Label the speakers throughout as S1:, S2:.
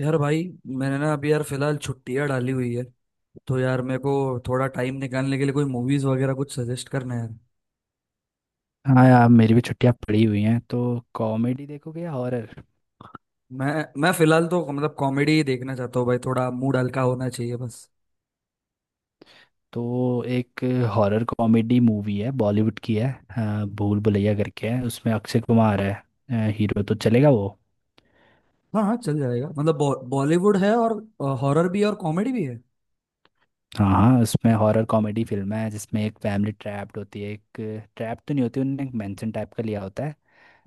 S1: यार भाई, मैंने ना अभी यार फिलहाल छुट्टियां डाली हुई है तो यार मेरे को थोड़ा टाइम निकालने के लिए कोई मूवीज वगैरह कुछ सजेस्ट करना है यार।
S2: हाँ यार, मेरी भी छुट्टियां पड़ी हुई हैं तो कॉमेडी देखोगे या हॉरर?
S1: मैं मैं फिलहाल तो मतलब कॉमेडी ही देखना चाहता हूँ भाई, थोड़ा मूड हल्का होना चाहिए बस।
S2: तो एक हॉरर कॉमेडी मूवी है, बॉलीवुड की है। भूल भुलैया करके है, उसमें अक्षय कुमार है। हीरो तो चलेगा वो?
S1: हाँ हाँ, चल जाएगा। मतलब बॉलीवुड है और हॉरर भी है और कॉमेडी भी है।
S2: हाँ हाँ, उसमें हॉरर कॉमेडी फिल्म है जिसमें एक फैमिली ट्रैप्ड होती है। एक ट्रैप तो नहीं होती, उन्होंने एक मेंशन टाइप का लिया होता है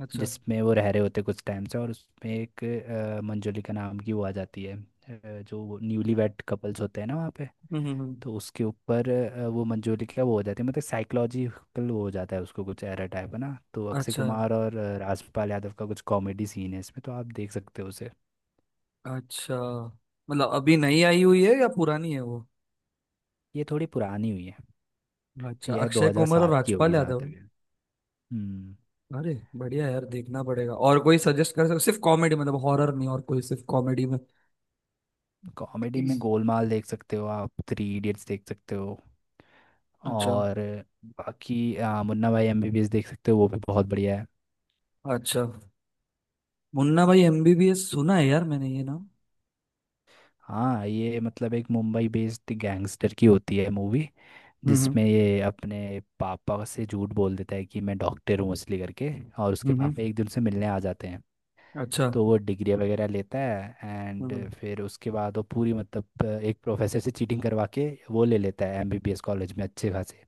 S1: अच्छा।
S2: जिसमें वो रह रहे होते हैं कुछ टाइम से। और उसमें एक मंजुलिका नाम की वो आ जाती है। जो न्यूली वेड कपल्स होते हैं ना वहाँ पे,
S1: हम्म, हम्म, हम्म।
S2: तो उसके ऊपर वो मंजूरी क्या वो हो जाती है, मतलब साइकोलॉजिकल वो हो जाता है उसको, कुछ एरर टाइप है ना। तो अक्षय
S1: अच्छा।
S2: कुमार और राजपाल यादव का कुछ कॉमेडी सीन है इसमें, तो आप देख सकते हो उसे।
S1: अच्छा, मतलब अभी नई आई हुई है या पुरानी है वो?
S2: ये थोड़ी पुरानी हुई है।
S1: अच्छा,
S2: ये है
S1: अक्षय कुमार और
S2: 2007 की होगी
S1: राजपाल
S2: जहाँ
S1: यादव
S2: तक
S1: है।
S2: है। हम्म।
S1: अरे बढ़िया यार, देखना पड़ेगा। और कोई सजेस्ट कर सकते? सिर्फ कॉमेडी, मतलब हॉरर नहीं, और कोई सिर्फ कॉमेडी में।
S2: कॉमेडी में गोलमाल देख सकते हो आप, थ्री इडियट्स देख सकते हो।
S1: अच्छा,
S2: और बाकी मुन्ना भाई एमबीबीएस देख सकते हो, वो भी बहुत बढ़िया है।
S1: अच्छा। मुन्ना भाई एमबीबीएस सुना है यार मैंने ये नाम।
S2: हाँ, ये मतलब एक मुंबई बेस्ड गैंगस्टर की होती है मूवी,
S1: हम्म,
S2: जिसमें ये अपने पापा से झूठ बोल देता है कि मैं डॉक्टर हूँ असली करके। और उसके
S1: हम्म, हम्म।
S2: पापा एक दिन से मिलने आ जाते हैं
S1: अच्छा।
S2: तो वो डिग्री वगैरह लेता है एंड
S1: हम्म।
S2: फिर उसके बाद वो पूरी मतलब एक प्रोफेसर से चीटिंग करवा के वो ले लेता है एमबीबीएस कॉलेज में अच्छे खासे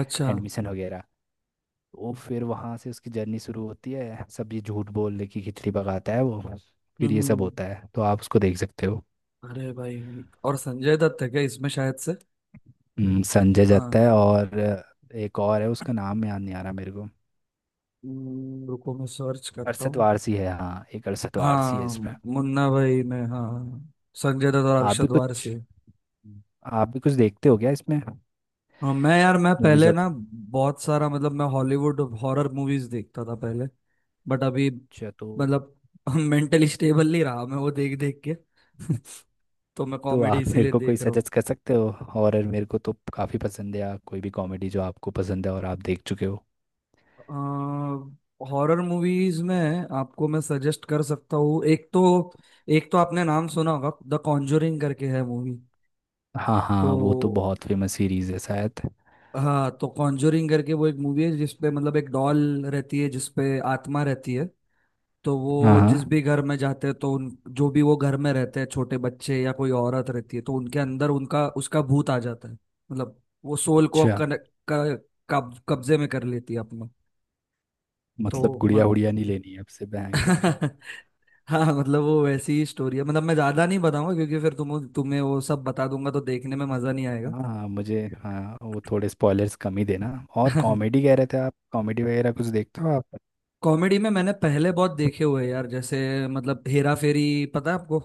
S1: अच्छा।
S2: एडमिशन वगैरह। वो फिर वहाँ से उसकी जर्नी शुरू होती है, सब ये झूठ बोलने की खिचड़ी पकाता है वो। फिर ये सब
S1: हम्म।
S2: होता है तो आप उसको देख सकते हो।
S1: अरे भाई, और संजय दत्त है क्या इसमें शायद से?
S2: संजय दत्त
S1: हाँ।
S2: है और एक और है, उसका नाम याद नहीं आ रहा मेरे को।
S1: रुको मैं सर्च करता
S2: अरशद
S1: हूँ।
S2: वारसी है, हाँ, एक अरशद वारसी है
S1: हाँ,
S2: इसमें।
S1: मुन्ना भाई में हाँ हाँ, हाँ। संजय दत्त और
S2: आप भी
S1: अरशद
S2: कुछ
S1: वारसी।
S2: आप भी कुछ देखते हो क्या इसमें
S1: हाँ, मैं यार मैं
S2: मूवीज
S1: पहले ना
S2: वगैरह?
S1: बहुत सारा, मतलब मैं हॉलीवुड हॉरर मूवीज देखता था पहले। बट अभी
S2: अच्छा तो
S1: मतलब मेंटली स्टेबल नहीं रहा मैं वो देख देख के। तो मैं कॉमेडी
S2: आप मेरे
S1: इसीलिए
S2: को कोई
S1: देख रहा हूँ।
S2: सजेस्ट कर सकते हो? हॉरर मेरे को तो काफ़ी पसंद है, या कोई भी कॉमेडी जो आपको पसंद है और आप देख चुके हो।
S1: हॉरर मूवीज में आपको मैं सजेस्ट कर सकता हूँ। एक तो आपने नाम सुना होगा द कॉन्जोरिंग करके है मूवी।
S2: हाँ
S1: तो
S2: हाँ, वो तो बहुत फेमस सीरीज है शायद।
S1: हाँ, तो कॉन्जोरिंग करके वो एक मूवी है जिसपे मतलब एक डॉल रहती है जिसपे आत्मा रहती है। तो
S2: हाँ
S1: वो जिस भी
S2: हाँ,
S1: घर में जाते हैं तो उन जो भी वो घर में रहते हैं छोटे बच्चे या कोई औरत रहती है, तो उनके अंदर उनका उसका भूत आ जाता है। मतलब वो सोल को
S2: अच्छा,
S1: कब्जे में कर लेती है अपना। तो
S2: मतलब
S1: म-
S2: गुड़िया उड़िया नहीं लेनी है आपसे भयंकर।
S1: हाँ, मतलब वो वैसी ही स्टोरी है। मतलब मैं ज्यादा नहीं बताऊंगा क्योंकि फिर तुम तुम्हें वो सब बता दूंगा तो देखने में मजा नहीं आएगा।
S2: हाँ हाँ, मुझे, हाँ, वो थोड़े स्पॉयलर्स कम ही देना। और कॉमेडी कह रहे थे आप, कॉमेडी वगैरह कुछ देखते हो आप?
S1: कॉमेडी में मैंने पहले बहुत देखे हुए हैं यार, जैसे मतलब हेरा फेरी, पता है आपको?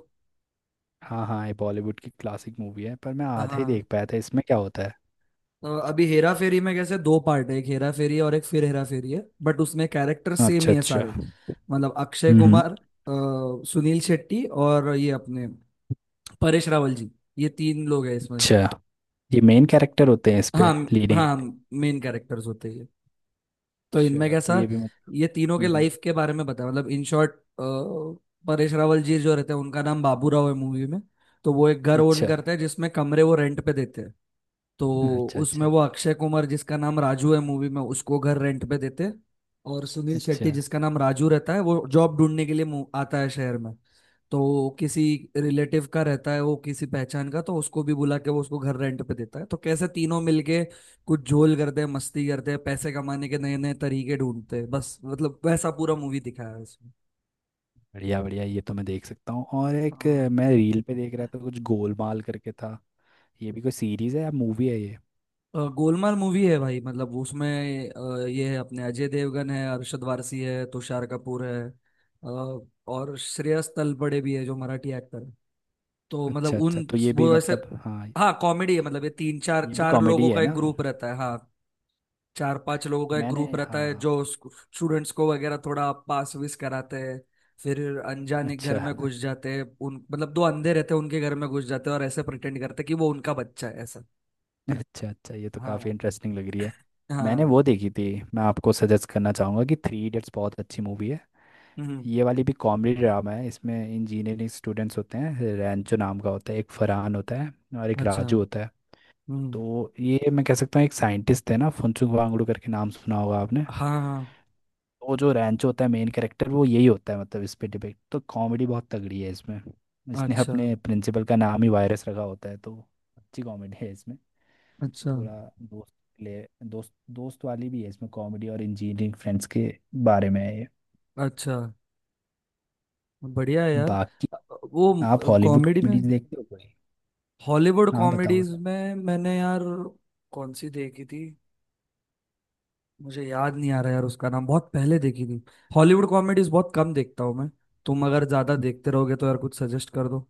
S2: हाँ हाँ, ये बॉलीवुड की क्लासिक मूवी है पर मैं आधा ही
S1: हाँ,
S2: देख पाया था, इसमें क्या होता है?
S1: तो अभी हेरा फेरी में कैसे दो पार्ट है। एक हेरा फेरी है और एक फिर हेरा फेरी है, बट उसमें कैरेक्टर सेम
S2: अच्छा
S1: ही है
S2: अच्छा,
S1: सारे। मतलब अक्षय
S2: हम्म।
S1: कुमार, सुनील शेट्टी और ये अपने परेश रावल जी, ये तीन लोग हैं इसमें।
S2: अच्छा, ये मेन कैरेक्टर होते हैं इस
S1: हाँ
S2: पे, लीडिंग
S1: हाँ,
S2: एक्टर।
S1: मेन कैरेक्टर्स होते हैं। तो इनमें
S2: अच्छा तो
S1: कैसा,
S2: ये भी
S1: ये तीनों के
S2: हम्म, हम्म।
S1: लाइफ के बारे में बताया, मतलब इन शॉर्ट। परेश रावल जी जो रहते हैं उनका नाम बाबू राव है मूवी में। तो वो एक घर ओन
S2: अच्छा
S1: करते हैं जिसमें कमरे वो रेंट पे देते हैं। तो
S2: अच्छा
S1: उसमें
S2: अच्छा।
S1: वो अक्षय कुमार जिसका नाम राजू है मूवी में उसको घर रेंट पे देते हैं। और सुनील
S2: अच्छा,
S1: शेट्टी जिसका नाम राजू रहता है वो जॉब ढूंढने के लिए आता है शहर में। तो किसी रिलेटिव का रहता है वो, किसी पहचान का, तो उसको भी बुला के वो उसको घर रेंट पे देता है। तो कैसे तीनों मिलके कुछ झोल करते हैं, मस्ती करते हैं, पैसे कमाने के नए नए तरीके ढूंढते हैं बस। मतलब वैसा पूरा मूवी दिखाया है इसमें।
S2: बढ़िया बढ़िया, ये तो मैं देख सकता हूँ। और एक
S1: हाँ,
S2: मैं रील पे देख रहा था कुछ गोलमाल करके था। ये भी कोई सीरीज है या मूवी है ये?
S1: गोलमाल मूवी है भाई। मतलब उसमें ये है अपने अजय देवगन है, अरशद वारसी है, तुषार कपूर है, अ, और श्रेयस तलपड़े भी है जो मराठी एक्टर है। तो मतलब
S2: अच्छा
S1: उन
S2: अच्छा तो ये भी,
S1: वो ऐसे
S2: मतलब, हाँ,
S1: हाँ, कॉमेडी है। मतलब ये तीन चार
S2: ये भी
S1: चार लोगों
S2: कॉमेडी है
S1: का
S2: ना?
S1: एक ग्रुप रहता है। हाँ, चार पांच लोगों का एक
S2: मैंने,
S1: ग्रुप रहता है
S2: हाँ।
S1: जो स्टूडेंट्स को वगैरह थोड़ा पास विस कराते हैं। फिर अनजाने घर
S2: अच्छा
S1: में घुस जाते हैं। उन मतलब दो अंधे रहते हैं, उनके घर में घुस जाते हैं और ऐसे प्रिटेंड करते हैं कि वो उनका बच्चा है ऐसा।
S2: अच्छा अच्छा, ये तो काफ़ी
S1: हाँ
S2: इंटरेस्टिंग लग रही है। मैंने
S1: हाँ।
S2: वो देखी थी। मैं आपको सजेस्ट करना चाहूँगा कि थ्री इडियट्स बहुत अच्छी मूवी है।
S1: हम्म।
S2: ये वाली भी कॉमेडी ड्रामा है, इसमें इंजीनियरिंग स्टूडेंट्स होते हैं, रैंचो नाम का होता है एक, फरहान होता है और एक
S1: अच्छा।
S2: राजू होता है।
S1: हम्म।
S2: तो ये मैं कह सकता हू, एक साइंटिस्ट है ना फुनसुक वांगडू करके, नाम सुना होगा आपने।
S1: हाँ हाँ।
S2: वो जो रैंचो होता है मेन कैरेक्टर वो यही होता है, मतलब इस पे डिपेक्ट। तो कॉमेडी बहुत तगड़ी है इसमें, इसने
S1: अच्छा,
S2: अपने प्रिंसिपल का नाम ही वायरस रखा होता है, तो अच्छी कॉमेडी है इसमें।
S1: अच्छा,
S2: थोड़ा दोस्त ले दोस्त दोस्त वाली भी है इसमें, कॉमेडी और इंजीनियरिंग फ्रेंड्स के बारे में है ये।
S1: अच्छा। बढ़िया है यार।
S2: बाकी
S1: अ,
S2: आप
S1: वो
S2: हॉलीवुड
S1: कॉमेडी में,
S2: कॉमेडीज देखते हो कोई?
S1: हॉलीवुड
S2: हाँ बताओ बताओ।
S1: कॉमेडीज में मैंने यार कौन सी देखी थी मुझे याद नहीं आ रहा यार उसका नाम, बहुत पहले देखी थी। हॉलीवुड कॉमेडीज बहुत कम देखता हूँ मैं। तुम अगर ज्यादा देखते रहोगे तो यार कुछ सजेस्ट कर दो।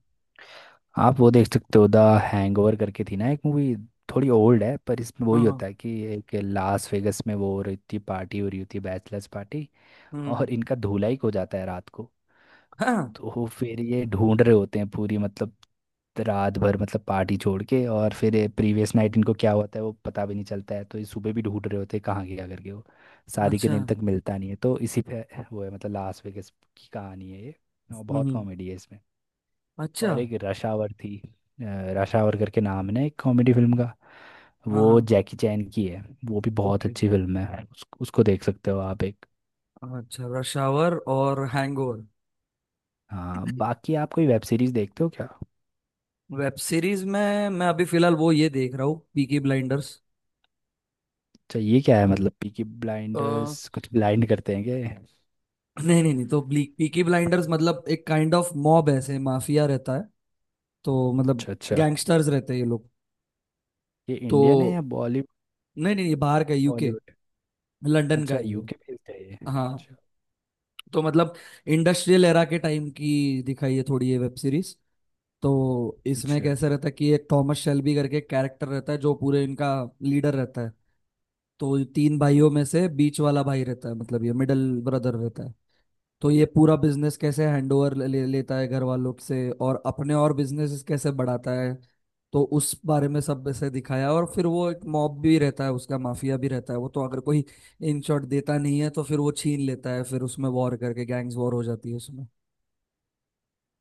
S2: आप वो देख सकते हो द हैंगओवर करके थी ना एक मूवी, थोड़ी ओल्ड है पर इसमें
S1: हाँ
S2: वही
S1: हाँ।
S2: होता है कि एक लास वेगस में वो हो रही थी, पार्टी हो रही होती है बैचलर्स पार्टी।
S1: हम्म।
S2: और इनका धुलाई हो जाता है रात को।
S1: हाँ।
S2: तो फिर ये ढूंढ रहे होते हैं पूरी, मतलब रात भर, मतलब पार्टी छोड़ के। और फिर प्रीवियस नाइट इनको क्या होता है वो पता भी नहीं चलता है, तो ये सुबह भी ढूंढ रहे होते हैं कहाँ गया करके वो। शादी के
S1: अच्छा।
S2: दिन तक मिलता नहीं है तो इसी पे वो है, मतलब लास वेगास की कहानी है ये और बहुत
S1: हम्म।
S2: कॉमेडी है इसमें।
S1: अच्छा।
S2: और एक रश आवर थी, रश आवर करके नाम है ना एक कॉमेडी फिल्म का,
S1: हाँ हाँ।
S2: वो जैकी चैन की है। वो भी बहुत
S1: ओके।
S2: अच्छी फिल्म है, उसको देख सकते हो आप एक।
S1: अच्छा, रश आवर और हैंगओवर।
S2: हाँ, बाकी आप कोई वेब सीरीज देखते हो क्या?
S1: वेब सीरीज में मैं अभी फिलहाल वो ये देख रहा हूँ पीकी ब्लाइंडर्स।
S2: अच्छा ये क्या है, मतलब पीकी
S1: अ,
S2: ब्लाइंडर्स कुछ ब्लाइंड करते हैं क्या ये?
S1: नहीं नहीं नहीं, तो पीकी ब्लाइंडर्स मतलब एक काइंड ऑफ मॉब, ऐसे माफिया रहता है। तो मतलब
S2: अच्छा अच्छा,
S1: गैंगस्टर्स रहते हैं ये लोग।
S2: ये
S1: तो
S2: इंडियन है या बॉलीवुड?
S1: नहीं नहीं, ये बाहर का, यूके,
S2: हॉलीवुड?
S1: लंदन का
S2: अच्छा,
S1: ही है।
S2: यूके बेस्ड है ये,
S1: हाँ,
S2: अच्छा।
S1: तो मतलब इंडस्ट्रियल एरा के टाइम की दिखाई है थोड़ी ये वेब सीरीज। तो इसमें
S2: अच्छा
S1: कैसा रहता है कि एक थॉमस शेल्बी करके कैरेक्टर रहता है जो पूरे इनका लीडर रहता है। तो ये तीन भाइयों में से बीच वाला भाई रहता है, मतलब ये मिडल ब्रदर रहता है। तो ये पूरा बिजनेस कैसे हैंडओवर ले लेता है घर वालों से और अपने और बिजनेस कैसे बढ़ाता है, तो उस बारे में सब ऐसे दिखाया। और फिर वो एक मॉब भी रहता है, उसका माफिया भी रहता है वो। तो अगर कोई इन शॉट देता नहीं है तो फिर वो छीन लेता है। फिर उसमें वॉर करके गैंग्स वॉर हो जाती है उसमें।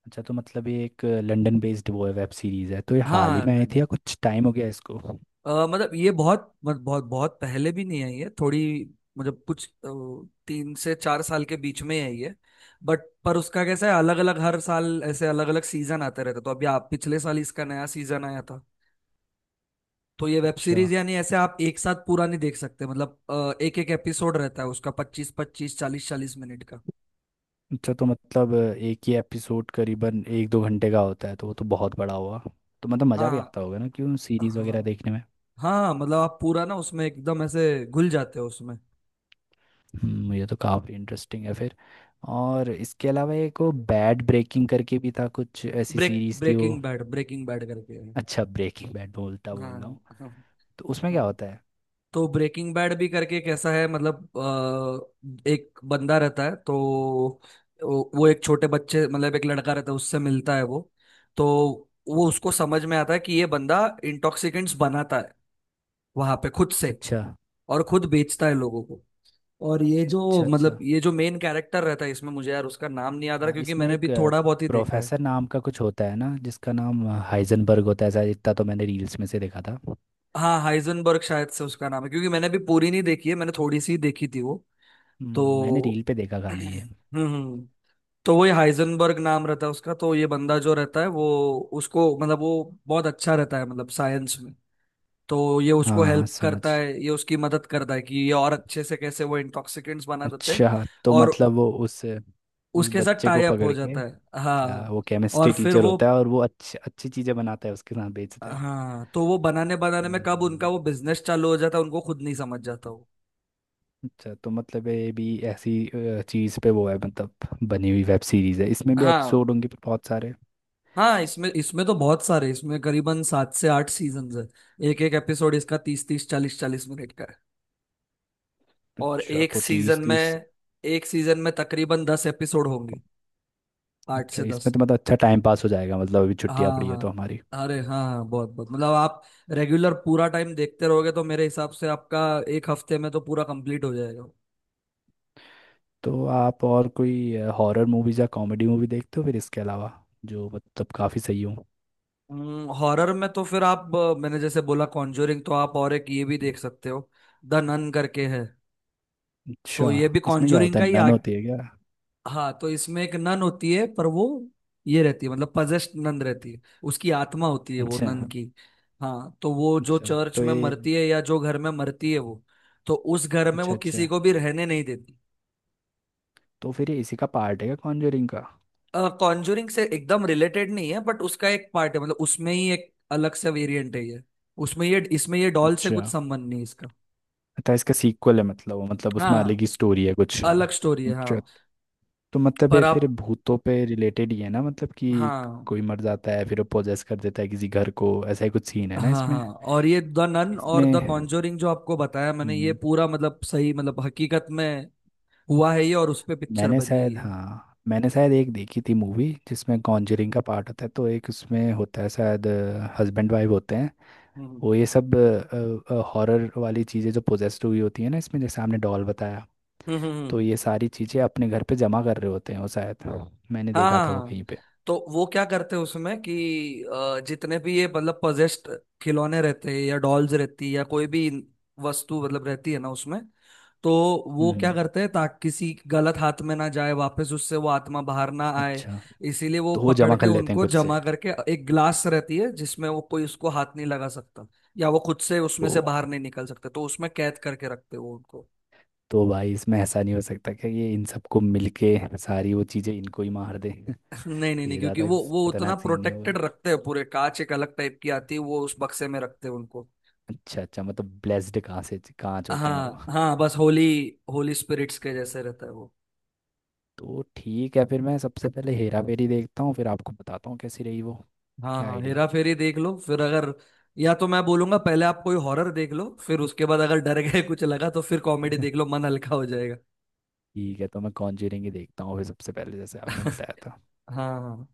S2: अच्छा तो मतलब ये एक लंदन बेस्ड वो है वेब सीरीज है, तो ये हाल ही
S1: हाँ,
S2: में आई थी
S1: लंदन।
S2: या कुछ टाइम हो गया इसको?
S1: मतलब ये बहुत बहुत पहले भी नहीं आई है थोड़ी। मतलब कुछ 3 से 4 साल के बीच में आई है। बट पर उसका कैसा है, अलग अलग हर साल ऐसे अलग अलग सीजन आते रहते। तो अभी आप पिछले साल इसका नया सीजन आया था। तो ये वेब
S2: अच्छा
S1: सीरीज यानी ऐसे आप एक साथ पूरा नहीं देख सकते। मतलब एक एक एपिसोड रहता है उसका पच्चीस पच्चीस चालीस चालीस मिनट का।
S2: अच्छा तो मतलब एक ही एपिसोड करीबन एक दो घंटे का होता है, तो वो तो बहुत बड़ा हुआ। तो मतलब मज़ा भी
S1: हाँ
S2: आता होगा ना क्यों सीरीज वगैरह
S1: हाँ
S2: देखने में।
S1: हाँ, मतलब आप पूरा ना उसमें एकदम ऐसे घुल जाते हो उसमें।
S2: ये तो काफ़ी इंटरेस्टिंग है फिर। और इसके अलावा एक वो बैड ब्रेकिंग करके भी था, कुछ ऐसी
S1: ब्रेक
S2: सीरीज थी वो।
S1: ब्रेकिंग बैड, ब्रेकिंग बैड करके है।
S2: अच्छा, ब्रेकिंग बैड
S1: हाँ
S2: बोल रहा
S1: हाँ।
S2: हूँ।
S1: हाँ
S2: तो उसमें क्या
S1: हाँ।
S2: होता है?
S1: तो ब्रेकिंग बैड भी करके कैसा है, मतलब एक बंदा रहता है। तो वो एक छोटे बच्चे, मतलब एक लड़का रहता है उससे मिलता है वो। तो वो उसको समझ में आता है कि ये बंदा इंटॉक्सिकेंट्स बनाता है वहां पे खुद से,
S2: अच्छा
S1: और खुद बेचता है लोगों को। और ये
S2: अच्छा
S1: जो मतलब
S2: अच्छा।
S1: ये जो मेन कैरेक्टर रहता है इसमें, मुझे यार उसका नाम नहीं याद आ रहा
S2: हाँ,
S1: क्योंकि
S2: इसमें
S1: मैंने भी
S2: एक
S1: थोड़ा बहुत ही देखा है।
S2: प्रोफेसर नाम का कुछ होता है ना जिसका नाम हाइजनबर्ग होता है ऐसा, इतना तो मैंने रील्स में से देखा था।
S1: हाँ, हाइजनबर्ग शायद से उसका नाम है क्योंकि मैंने भी पूरी नहीं देखी है, मैंने थोड़ी सी ही देखी थी वो। तो
S2: मैंने रील पे देखा खाली ये।
S1: हम्म, तो वही हाइजनबर्ग नाम रहता है उसका। तो ये बंदा जो रहता है वो उसको, मतलब वो बहुत अच्छा रहता है मतलब साइंस में। तो ये उसको
S2: हाँ हाँ
S1: हेल्प
S2: समझ।
S1: करता है, ये उसकी मदद करता है कि ये और अच्छे से कैसे वो इंटॉक्सिकेंट्स बना देते हैं।
S2: अच्छा तो
S1: और
S2: मतलब वो उस
S1: उसके साथ
S2: बच्चे
S1: टाई
S2: को
S1: अप हो
S2: पकड़ के,
S1: जाता है,
S2: अच्छा
S1: हाँ।
S2: वो
S1: और
S2: केमिस्ट्री
S1: फिर
S2: टीचर
S1: वो,
S2: होता है और वो अच्छी अच्छी चीज़ें बनाता है उसके साथ बेचता है।
S1: हाँ, तो वो बनाने बनाने में
S2: समझ
S1: कब
S2: गया
S1: उनका
S2: मैं।
S1: वो बिजनेस चालू हो जाता है उनको खुद नहीं समझ जाता वो।
S2: अच्छा तो मतलब ये भी ऐसी चीज़ पे वो है मतलब बनी हुई वेब सीरीज़ है, इसमें भी
S1: हाँ
S2: एपिसोड होंगे बहुत सारे।
S1: हाँ, इसमें इसमें तो बहुत सारे, इसमें करीबन 7 से 8 सीजन्स है। एक एक एपिसोड इसका तीस तीस चालीस चालीस मिनट का है। और
S2: अच्छा
S1: एक
S2: तो
S1: सीजन
S2: तीस तीस।
S1: में एक सीजन में तकरीबन 10 एपिसोड होंगे, आठ
S2: अच्छा,
S1: से
S2: इसमें
S1: दस
S2: तो मतलब अच्छा टाइम पास हो जाएगा, मतलब अभी छुट्टियाँ
S1: हाँ
S2: पड़ी है तो
S1: हाँ।
S2: हमारी।
S1: अरे हाँ हाँ, बहुत बहुत मतलब आप रेगुलर पूरा टाइम देखते रहोगे तो मेरे हिसाब से आपका एक हफ्ते में तो पूरा कंप्लीट हो जाएगा।
S2: तो आप और कोई हॉरर मूवीज या कॉमेडी मूवी देखते हो फिर इसके अलावा, जो मतलब काफ़ी सही हो?
S1: हॉरर में तो फिर आप मैंने जैसे बोला कॉन्जोरिंग, तो आप और एक ये भी देख सकते हो, द नन करके है।
S2: अच्छा,
S1: तो ये भी
S2: इसमें क्या
S1: कॉन्जोरिंग
S2: होता
S1: का
S2: है,
S1: ही।
S2: नन होती है क्या?
S1: हाँ, तो इसमें एक नन होती है पर वो, ये रहती है मतलब पजेस्ट नन रहती है। उसकी आत्मा होती है वो
S2: अच्छा
S1: नन की। हाँ, तो वो जो
S2: अच्छा
S1: चर्च
S2: तो
S1: में
S2: ये,
S1: मरती है या जो घर में मरती है वो, तो उस घर में वो
S2: अच्छा अच्छा
S1: किसी को भी रहने नहीं देती।
S2: तो फिर ये इसी का पार्ट है क्या कॉन्जरिंग का?
S1: कॉन्जूरिंग से एकदम रिलेटेड नहीं है बट उसका एक पार्ट है, मतलब उसमें ही एक अलग सा वेरिएंट है ये। उसमें ये इसमें ये डॉल से
S2: अच्छा
S1: कुछ संबंध नहीं है इसका।
S2: तो इसका सीक्वल है, मतलब वो, मतलब उसमें अलग
S1: हाँ,
S2: ही स्टोरी है कुछ।
S1: अलग स्टोरी है
S2: अच्छा
S1: हाँ।
S2: तो मतलब ये
S1: पर
S2: फिर
S1: आप
S2: भूतों पे रिलेटेड ही है ना, मतलब कि
S1: हाँ
S2: कोई मर जाता है फिर वो पोजेस कर देता है किसी घर को, ऐसा ही कुछ सीन है ना
S1: हाँ
S2: इसमें?
S1: हाँ। और ये द नन और
S2: इसमें,
S1: द कॉन्जोरिंग जो आपको बताया मैंने, ये
S2: हम्म,
S1: पूरा मतलब सही, मतलब हकीकत में हुआ है ये, और उस पे पिक्चर
S2: मैंने
S1: बनी है
S2: शायद,
S1: ये।
S2: हाँ मैंने शायद एक देखी थी मूवी जिसमें कॉन्जरिंग का पार्ट होता है, तो एक उसमें होता है शायद हस्बैंड वाइफ होते हैं,
S1: हम्म,
S2: वो ये सब हॉरर वाली चीज़ें जो पोजेस्ड हुई होती है ना इसमें, जैसे आपने डॉल बताया,
S1: हम्म, हम्म।
S2: तो ये सारी चीज़ें अपने घर पे जमा कर रहे होते हैं वो शायद। हाँ, मैंने
S1: हाँ
S2: देखा
S1: हाँ
S2: था वो
S1: हाँ।
S2: कहीं पे।
S1: तो वो क्या करते हैं उसमें कि जितने भी ये मतलब पजेस्ड खिलौने रहते हैं या डॉल्स रहती है या कोई भी वस्तु मतलब रहती है ना उसमें। तो वो
S2: हम्म।
S1: क्या करते हैं, ताकि किसी गलत हाथ में ना जाए, वापस उससे वो आत्मा बाहर ना आए,
S2: अच्छा
S1: इसीलिए वो
S2: तो वो
S1: पकड़
S2: जमा
S1: के
S2: कर लेते हैं
S1: उनको
S2: खुद से।
S1: जमा करके एक ग्लास रहती है जिसमें वो कोई उसको हाथ नहीं लगा सकता, या वो खुद से उसमें से
S2: तो
S1: बाहर नहीं निकल सकता, तो उसमें कैद करके रखते हैं वो उनको।
S2: भाई इसमें ऐसा नहीं हो सकता कि ये इन सबको मिलके सारी वो चीज़ें इनको ही मार दें?
S1: नहीं नहीं नहीं,
S2: ये
S1: क्योंकि
S2: ज़्यादा
S1: वो उतना
S2: खतरनाक सीन नहीं होगा।
S1: प्रोटेक्टेड रखते हैं पूरे। कांच एक अलग टाइप की आती है वो, उस बक्से में रखते हैं उनको।
S2: अच्छा अच्छा, मतलब ब्लेस्ड कहाँ से होते हैं वो?
S1: हाँ हाँ, बस होली होली स्पिरिट्स के जैसे रहता है वो।
S2: तो ठीक है, फिर मैं सबसे पहले हेरा फेरी देखता हूँ फिर आपको बताता हूँ कैसी रही वो।
S1: हाँ
S2: क्या
S1: हाँ,
S2: आइडिया।
S1: हेरा फेरी देख लो। फिर अगर, या तो मैं बोलूंगा पहले आप कोई हॉरर देख लो, फिर उसके बाद अगर डर गए कुछ लगा तो फिर कॉमेडी देख लो, मन हल्का हो जाएगा।
S2: ठीक है तो मैं कॉन्जरिंग ही देखता हूँ फिर सबसे पहले, जैसे आपने बताया था।
S1: हाँ हाँ।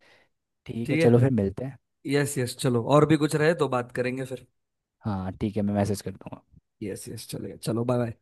S2: ठीक है,
S1: ठीक
S2: चलो
S1: है।
S2: फिर मिलते हैं।
S1: यस यस, चलो और भी कुछ रहे तो बात करेंगे फिर।
S2: हाँ ठीक है, मैं मैसेज कर दूंगा।
S1: यस यस, चलेगा। चलो, बाय बाय।